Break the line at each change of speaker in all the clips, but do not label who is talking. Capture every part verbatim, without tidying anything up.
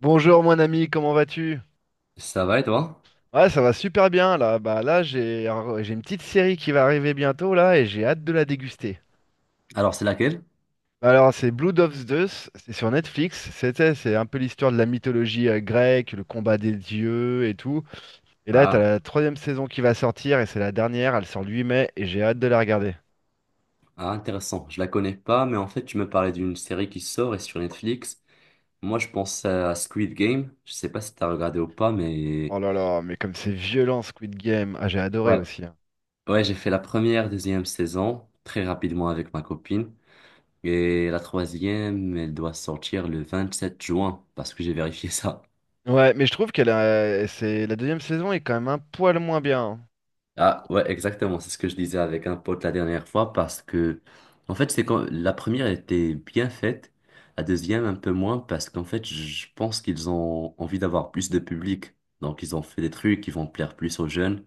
Bonjour mon ami, comment vas-tu?
Ça va et toi?
Ouais, ça va super bien là. Bah là, j'ai un- j'ai une petite série qui va arriver bientôt là et j'ai hâte de la déguster.
Alors, c'est laquelle?
Bah, Alors, c'est Blood of Zeus, c'est sur Netflix. C'était, c'est un peu l'histoire de la mythologie euh, grecque, le combat des dieux et tout. Et là, t'as
Ah,
la troisième saison qui va sortir et c'est la dernière, elle sort le huit mai et j'ai hâte de la regarder.
ah, intéressant. Je la connais pas, mais en fait, tu me parlais d'une série qui sort et sur Netflix. Moi, je pense à Squid Game. Je sais pas si t'as regardé ou pas, mais
Oh là là, mais comme c'est violent Squid Game. Ah, j'ai adoré
ouais,
aussi, hein.
ouais, j'ai fait la première, deuxième saison très rapidement avec ma copine et la troisième, elle doit sortir le vingt-sept juin parce que j'ai vérifié ça.
Ouais, mais je trouve que la, c'est, la deuxième saison est quand même un poil moins bien, hein.
Ah ouais, exactement, c'est ce que je disais avec un pote la dernière fois parce que en fait, c'est quand la première était bien faite, la deuxième un peu moins parce qu'en fait, je pense qu'ils ont envie d'avoir plus de public. Donc ils ont fait des trucs qui vont plaire plus aux jeunes.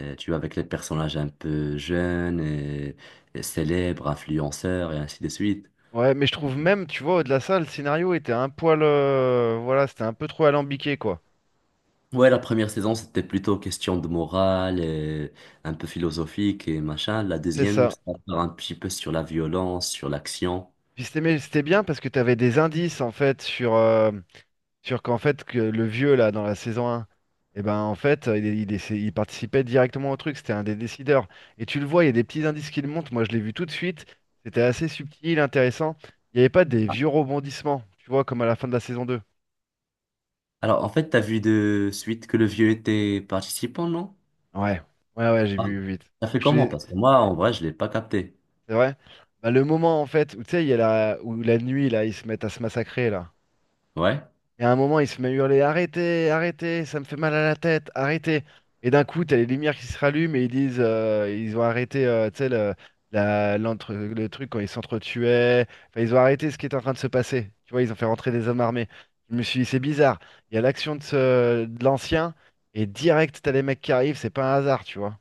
Euh, tu vois, avec les personnages un peu jeunes et, et célèbres, influenceurs et ainsi de suite.
Ouais, mais je trouve même, tu vois, au-delà de ça, le scénario était un poil. euh, voilà, c'était un peu trop alambiqué, quoi.
Ouais, la première saison, c'était plutôt question de morale et un peu philosophique et machin. La
C'est
deuxième,
ça.
ça part un petit peu sur la violence, sur l'action.
Puis c'était mais c'était bien parce que t'avais des indices, en fait, sur, euh, sur qu'en fait, que le vieux, là, dans la saison un, eh ben, en fait, il, il essa- il participait directement au truc. C'était un des décideurs. Et tu le vois, il y a des petits indices qui le montrent. Moi, je l'ai vu tout de suite. C'était assez subtil, intéressant. Il n'y avait pas des vieux rebondissements, tu vois, comme à la fin de la saison deux.
Alors, en fait, t'as vu de suite que le vieux était participant, non?
Ouais, ouais, ouais, j'ai
Ah,
vu vite.
ça fait comment? Parce que moi, en vrai, je l'ai pas capté.
C'est vrai? Bah, le moment en fait où tu sais, il y a la... où la nuit là, ils se mettent à se massacrer là.
Ouais?
Et à un moment, ils se mettent à hurler, arrêtez, arrêtez, ça me fait mal à la tête, arrêtez. Et d'un coup, t'as les lumières qui se rallument et ils disent, euh, ils ont arrêté, euh, tu sais, le, la- l'entre- le truc quand ils s'entretuaient. Enfin, ils ont arrêté ce qui était en train de se passer. Tu vois, ils ont fait rentrer des hommes armés. Je me suis dit, c'est bizarre. Il y a l'action de, ce... de l'ancien et direct, t'as les mecs qui arrivent, c'est pas un hasard, tu vois.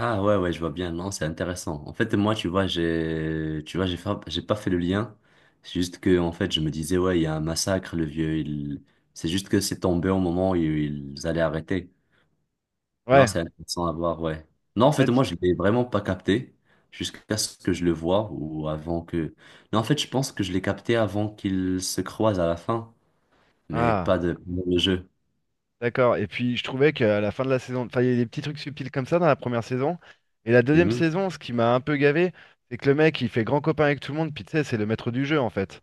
Ah ouais, ouais, je vois bien. Non, c'est intéressant. En fait, moi, tu vois, j'ai, tu vois, j'ai fa- j'ai pas fait le lien. C'est juste que, en fait, je me disais, ouais, il y a un massacre, le vieux, il... C'est juste que c'est tombé au moment où ils allaient arrêter. Non,
Ouais.
c'est intéressant à voir, ouais. Non, en
Ouais,
fait,
tu-
moi, je l'ai vraiment pas capté jusqu'à ce que je le vois ou avant que... Non, en fait, je pense que je l'ai capté avant qu'ils se croisent à la fin, mais pas
Ah,
de, de jeu.
d'accord. Et puis je trouvais qu'à la fin de la saison, enfin, il y a des petits trucs subtils comme ça dans la première saison. Et la deuxième
Mhm.
saison, ce qui m'a un peu gavé, c'est que le mec, il fait grand copain avec tout le monde, puis tu sais, c'est le maître du jeu en fait.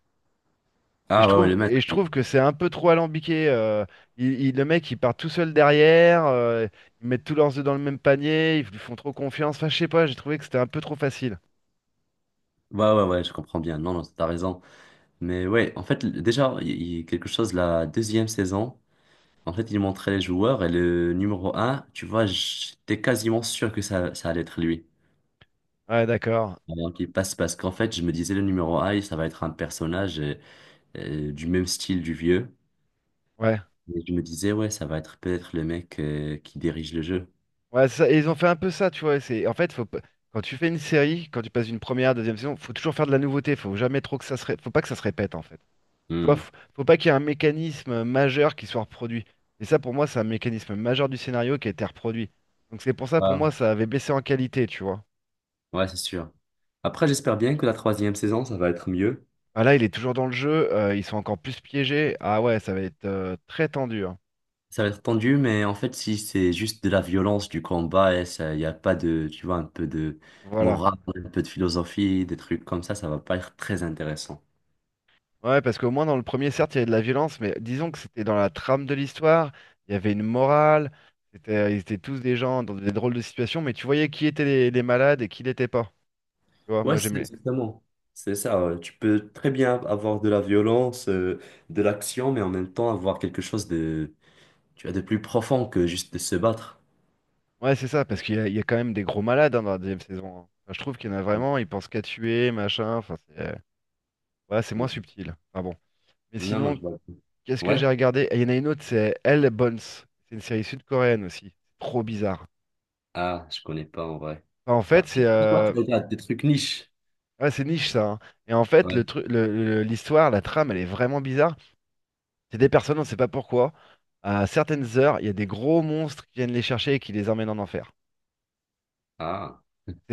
Et je
Ah ouais, ouais,
trouve,
le
et
maître.
je
il-
trouve que c'est un peu trop alambiqué. Euh, il- il- le mec, il part tout seul derrière, euh, ils mettent tous leurs œufs dans le même panier, ils lui font trop confiance. Enfin, je sais pas, j'ai trouvé que c'était un peu trop facile.
Ouais, ouais, ouais, je comprends bien. Non, non, t'as raison. Mais ouais, en fait, l- déjà, il il y a quelque chose, la deuxième saison, en fait, il montrait les joueurs et le numéro un, tu vois, j'étais quasiment sûr que ça, ça allait être lui.
Ouais, d'accord.
Avant qu'il passe, parce qu'en fait, je me disais, le numéro un, ça va être un personnage euh, euh, du même style du vieux.
Ouais.
Et je me disais, ouais, ça va être peut-être le mec euh, qui dirige le jeu.
Ouais, ça- et ils ont fait un peu ça, tu vois. C'est, en fait, faut, pas- Quand tu fais une série, quand tu passes d'une première à deuxième saison, faut toujours faire de la nouveauté. Faut jamais trop que ça se, ré- faut pas que ça se répète, en fait. Tu vois,
Hmm.
faut, faut pas qu'il y ait un mécanisme euh, majeur qui soit reproduit. Et ça, pour moi, c'est un mécanisme majeur du scénario qui a été reproduit. Donc c'est pour ça, pour
Ouais,
moi, ça avait baissé en qualité, tu vois.
ouais, c'est sûr. Après, j'espère bien que la troisième saison, ça va être mieux.
Ah là, il est toujours dans le jeu. Euh, ils sont encore plus piégés. Ah ouais, ça va être euh, très tendu, hein.
Ça va être tendu, mais en fait, si c'est juste de la violence, du combat, et ça, il n'y a pas de, tu vois, un peu de
Voilà.
morale, un peu de philosophie, des trucs comme ça, ça va pas être très intéressant.
Ouais, parce qu'au moins dans le premier, certes, il y avait de la violence, mais disons que c'était dans la trame de l'histoire, il y avait une morale, c'était, euh, ils étaient tous des gens dans des drôles de situations, mais tu voyais qui étaient les, les malades et qui l'était pas. Tu vois,
Ouais,
moi
c'est
j'aimais.
exactement. C'est ça, ouais. Tu peux très bien avoir de la violence, euh, de l'action, mais en même temps avoir quelque chose de, tu vois, de plus profond que juste de se battre.
Ouais, c'est ça, parce qu'il y a, il y a quand même des gros malades hein, dans la deuxième saison, hein. Enfin, je trouve qu'il y en a vraiment, ils pensent qu'à tuer, machin, enfin, c'est ouais, c'est moins
Mm.
subtil. Enfin bon. Mais
Non, non,
sinon,
je vois pas.
qu'est-ce que
Ouais?
j'ai regardé? Et Il y en a une autre, c'est Elle Bones. C'est une série sud-coréenne aussi. C'est trop bizarre.
Ah, je connais pas en vrai.
Enfin, en fait,
Après,
c'est
pourquoi
euh,
tu regardes des trucs niches?
Ouais, c'est niche ça, hein. Et en fait, le
Ouais.
truc, le- le- l'histoire, la trame, elle est vraiment bizarre. C'est des personnes, on ne sait pas pourquoi. À certaines heures, il y a des gros monstres qui viennent les chercher et qui les emmènent en enfer.
Ah,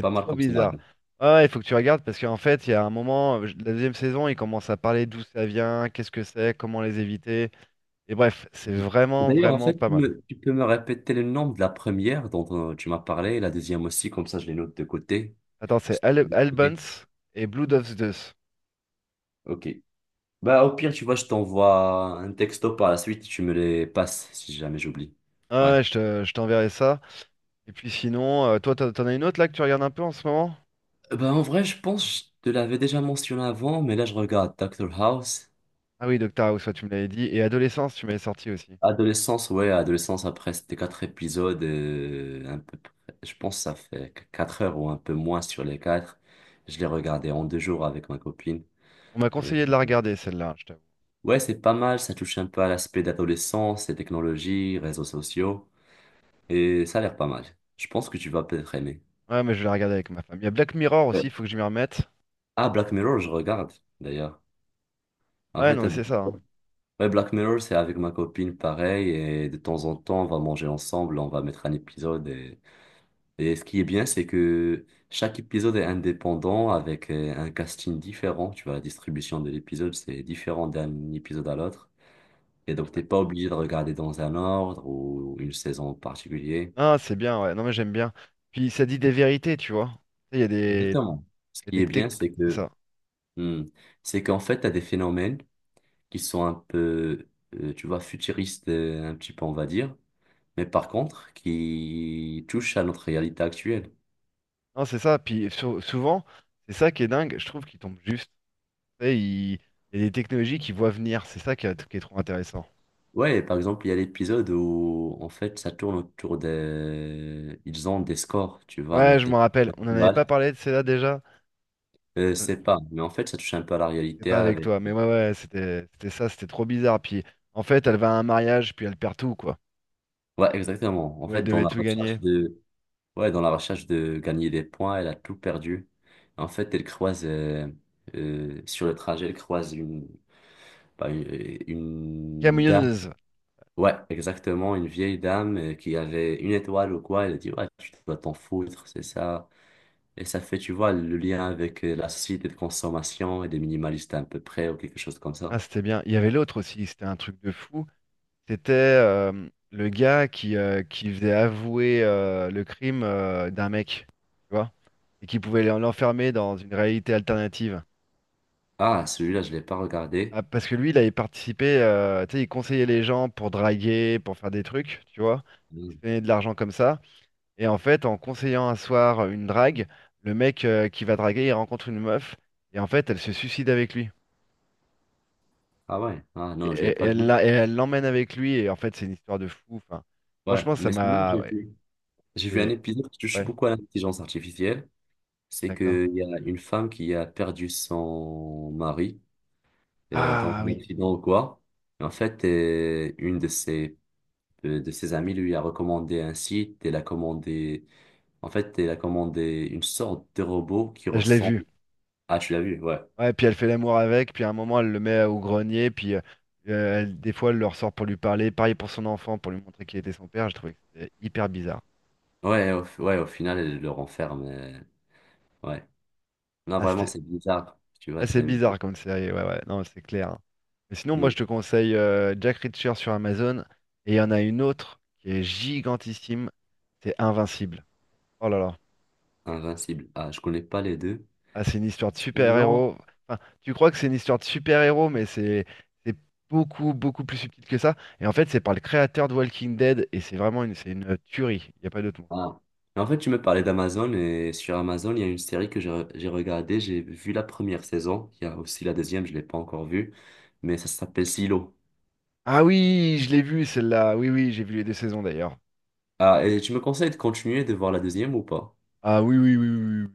pas mal
trop
comme ça.
bizarre. Ah ouais, il faut que tu regardes parce qu'en fait, il y a un moment, euh, la deuxième saison, ils commencent à parler d'où ça vient, qu'est-ce que c'est, comment les éviter. Et bref, c'est
Et
vraiment,
d'ailleurs, en
vraiment
fait,
pas
tu
mal.
me- tu peux me répéter le nom de la première dont euh, tu m'as parlé, et la deuxième aussi, comme ça je les note de côté.
Attends, c'est Al
Ok.
Albans et Blood of Zeus.
Ok. Bah, au pire, tu vois, je t'envoie un texto par la suite, tu me les passes si jamais j'oublie.
Ah
Ouais.
ouais, ouais, je te- je t'enverrai ça. Et puis sinon, euh, toi, t'en t'en as une autre là que tu regardes un peu en ce moment?
Euh, Bah, en vrai, je pense que je te l'avais déjà mentionné avant, mais là, je regarde Doctor House.
Ah oui, Doctor House, ouais, tu me l'avais dit. Et Adolescence, tu m'avais sorti aussi.
Adolescence, ouais, adolescence, après, c'était quatre épisodes, euh, un peu, près- je pense que ça fait qu- quatre heures ou un peu moins sur les quatre. Je l'ai regardé en deux jours avec ma copine.
On m'a conseillé de la regarder, celle-là, hein, je t'avoue.
Ouais, c'est pas mal, ça touche un peu à l'aspect d'adolescence, les technologies, réseaux sociaux, et ça a l'air pas mal. Je pense que tu vas peut-être aimer.
Ouais, mais je vais la regarder avec ma femme. Il y a Black Mirror
Ouais.
aussi, il faut que je m'y remette.
Ah, Black Mirror, je regarde, d'ailleurs. En
Ouais,
fait,
non, mais
euh,
c'est ça, hein.
ouais, Black Mirror, c'est avec ma copine pareil, et de temps en temps, on va manger ensemble, on va mettre un épisode. Et, et ce qui est bien, c'est que chaque épisode est indépendant avec euh, un casting différent. Tu vois, la distribution de l'épisode, c'est différent d'un épisode à l'autre. Et donc, t'es pas obligé de regarder dans un ordre ou une saison en particulier.
Ah, c'est bien, ouais. Non, mais j'aime bien. Puis ça dit des vérités, tu vois. Tu sais, il y a des...
Exactement. Ce
il y a
qui
des
est
tec-
bien, c'est
c'est
que
ça.
hmm, c'est qu'en fait, tu as des phénomènes qui sont un peu, euh, tu vois, futuristes, euh, un petit peu, on va dire, mais par contre, qui touchent à notre réalité actuelle.
Non, c'est ça. Puis sou- souvent, c'est ça qui est dingue. Je trouve qu'ils tombent juste. Tu sais, ils- il y a des technologies qu'ils voient venir. C'est ça qui est, qui est trop intéressant.
Ouais, par exemple, il y a l'épisode où, en fait, ça tourne autour des... Ils ont des scores, tu vois,
Ouais, je me
notés.
rappelle. On n'en avait pas
Étoiles.
parlé de celle-là déjà.
Euh, c'est pas, mais en fait, ça touche un peu à la
C'est
réalité
pas avec
avec...
toi, mais ouais, ouais, c'était c'était ça, c'était trop bizarre. Puis en fait, elle va à un mariage, puis elle perd tout, quoi.
Ouais, exactement. En
Où elle
fait, dans
devait
la
tout
recherche
gagner.
de... Ouais, dans la recherche de gagner des points, elle a tout perdu. En fait, elle croise, euh, euh, sur le trajet, elle croise une, pas une, une dame.
Camionneuse.
Ouais, exactement, une vieille dame euh, qui avait une étoile ou quoi. Elle a dit, ouais, tu dois t'en foutre, c'est ça. Et ça fait, tu vois, le lien avec euh, la société de consommation et des minimalistes à peu près ou quelque chose comme
Ah,
ça.
c'était bien. Il y avait l'autre aussi, c'était un truc de fou. C'était euh, le gars qui, euh, qui faisait avouer euh, le crime euh, d'un mec, tu vois, et qui pouvait l'en- l'enfermer dans une réalité alternative.
Ah, celui-là, je l'ai pas regardé.
Ah, parce que lui, il avait participé, euh, tu sais, il conseillait les gens pour draguer, pour faire des trucs, tu vois. Il
Hmm.
se donnait de l'argent comme ça. Et en fait, en conseillant un soir euh, une drague, le mec euh, qui va draguer, il rencontre une meuf, et en fait, elle se suicide avec lui.
Ah ouais, ah
Et,
non, je l'ai
et- et
pas
elle
vu.
l'a- et elle l'emmène avec lui, et en fait, c'est une histoire de fou. Enfin,
Ouais,
franchement, ça
mais sinon,
m'a.
j'ai
Ouais,
vu. J'ai vu un
c'est-
épisode qui touche
ouais,
beaucoup à l'intelligence artificielle. C'est
d'accord.
qu'il y a une femme qui a perdu son mari euh, dans
Ah
un
oui,
accident ou quoi. Et en fait, euh, une de ses, euh, de ses amies lui a recommandé un site. Elle a commandé, en fait, elle a commandé une sorte de robot qui
je l'ai vu.
ressemble. Ah, tu l'as vu, ouais.
Ouais, puis elle fait l'amour avec, puis à un moment, elle le met au grenier, puis euh, euh, elle- des fois, elle le ressort pour lui parler. Pareil pour son enfant, pour lui montrer qu'il était son père. Je trouvais que c'était hyper bizarre.
Ouais, au, ouais, au final, elle le renferme. Euh, ouais. Non,
Ah,
vraiment,
c'était-
c'est bizarre. Tu vois,
Ah, c'est
c'est...
bizarre comme série, ouais, ouais, non, c'est clair, hein. Mais sinon, moi,
Hmm,
je te conseille euh, Jack Reacher sur Amazon. Et il y en a une autre qui est gigantissime, c'est Invincible. Oh là là.
invincible. Ah, je connais pas les deux.
Ah, c'est une histoire de
Sinon,
super-héros. Enfin, tu crois que c'est une histoire de super-héros, mais c'est c'est beaucoup, beaucoup plus subtil que ça. Et en fait, c'est par le créateur de Walking Dead, et c'est vraiment une, c'est une tuerie. Il n'y a pas d'autre mot.
ah. En fait, tu me parlais d'Amazon et sur Amazon, il y a une série que j'ai re- j'ai regardée. J'ai vu la première saison. Il y a aussi la deuxième, je ne l'ai pas encore vue. Mais ça s'appelle Silo.
Ah oui, je l'ai vu celle-là. Oui, oui, j'ai vu les deux saisons d'ailleurs.
Ah, et tu me conseilles de continuer de voir la deuxième ou pas?
Ah oui, oui, oui, oui. oui. Oui.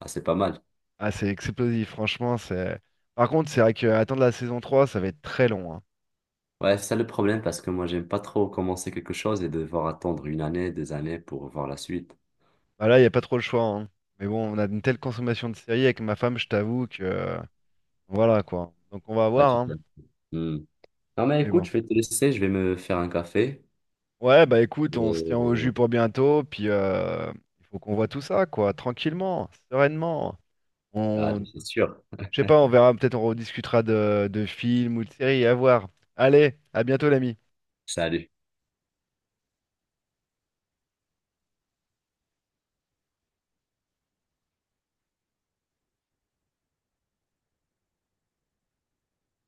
Ah, c'est pas mal.
Ah, c'est explosif, franchement, c'est. Par contre, c'est vrai que attendre la saison trois ça va être très long, hein.
Ouais, c'est ça le problème parce que moi, j'aime pas trop commencer quelque chose et devoir attendre une année, deux années pour voir la suite.
Bah là, il n'y a pas trop le choix, hein. Mais bon, on a une telle consommation de séries avec ma femme, je t'avoue que euh, voilà quoi. Donc on va
Bah,
voir,
tu
hein.
peux. Hmm. Non, mais
Mais
écoute,
bon.
je vais te laisser. Je vais me faire un café.
Ouais, bah écoute, on se tient
Et...
au jus pour bientôt, puis euh, il faut qu'on voit tout ça, quoi, tranquillement, sereinement.
Allez,
On,
c'est sûr.
je sais pas, on verra, peut-être on rediscutera de, de films ou de séries, à voir. Allez, à bientôt l'ami.
Salut.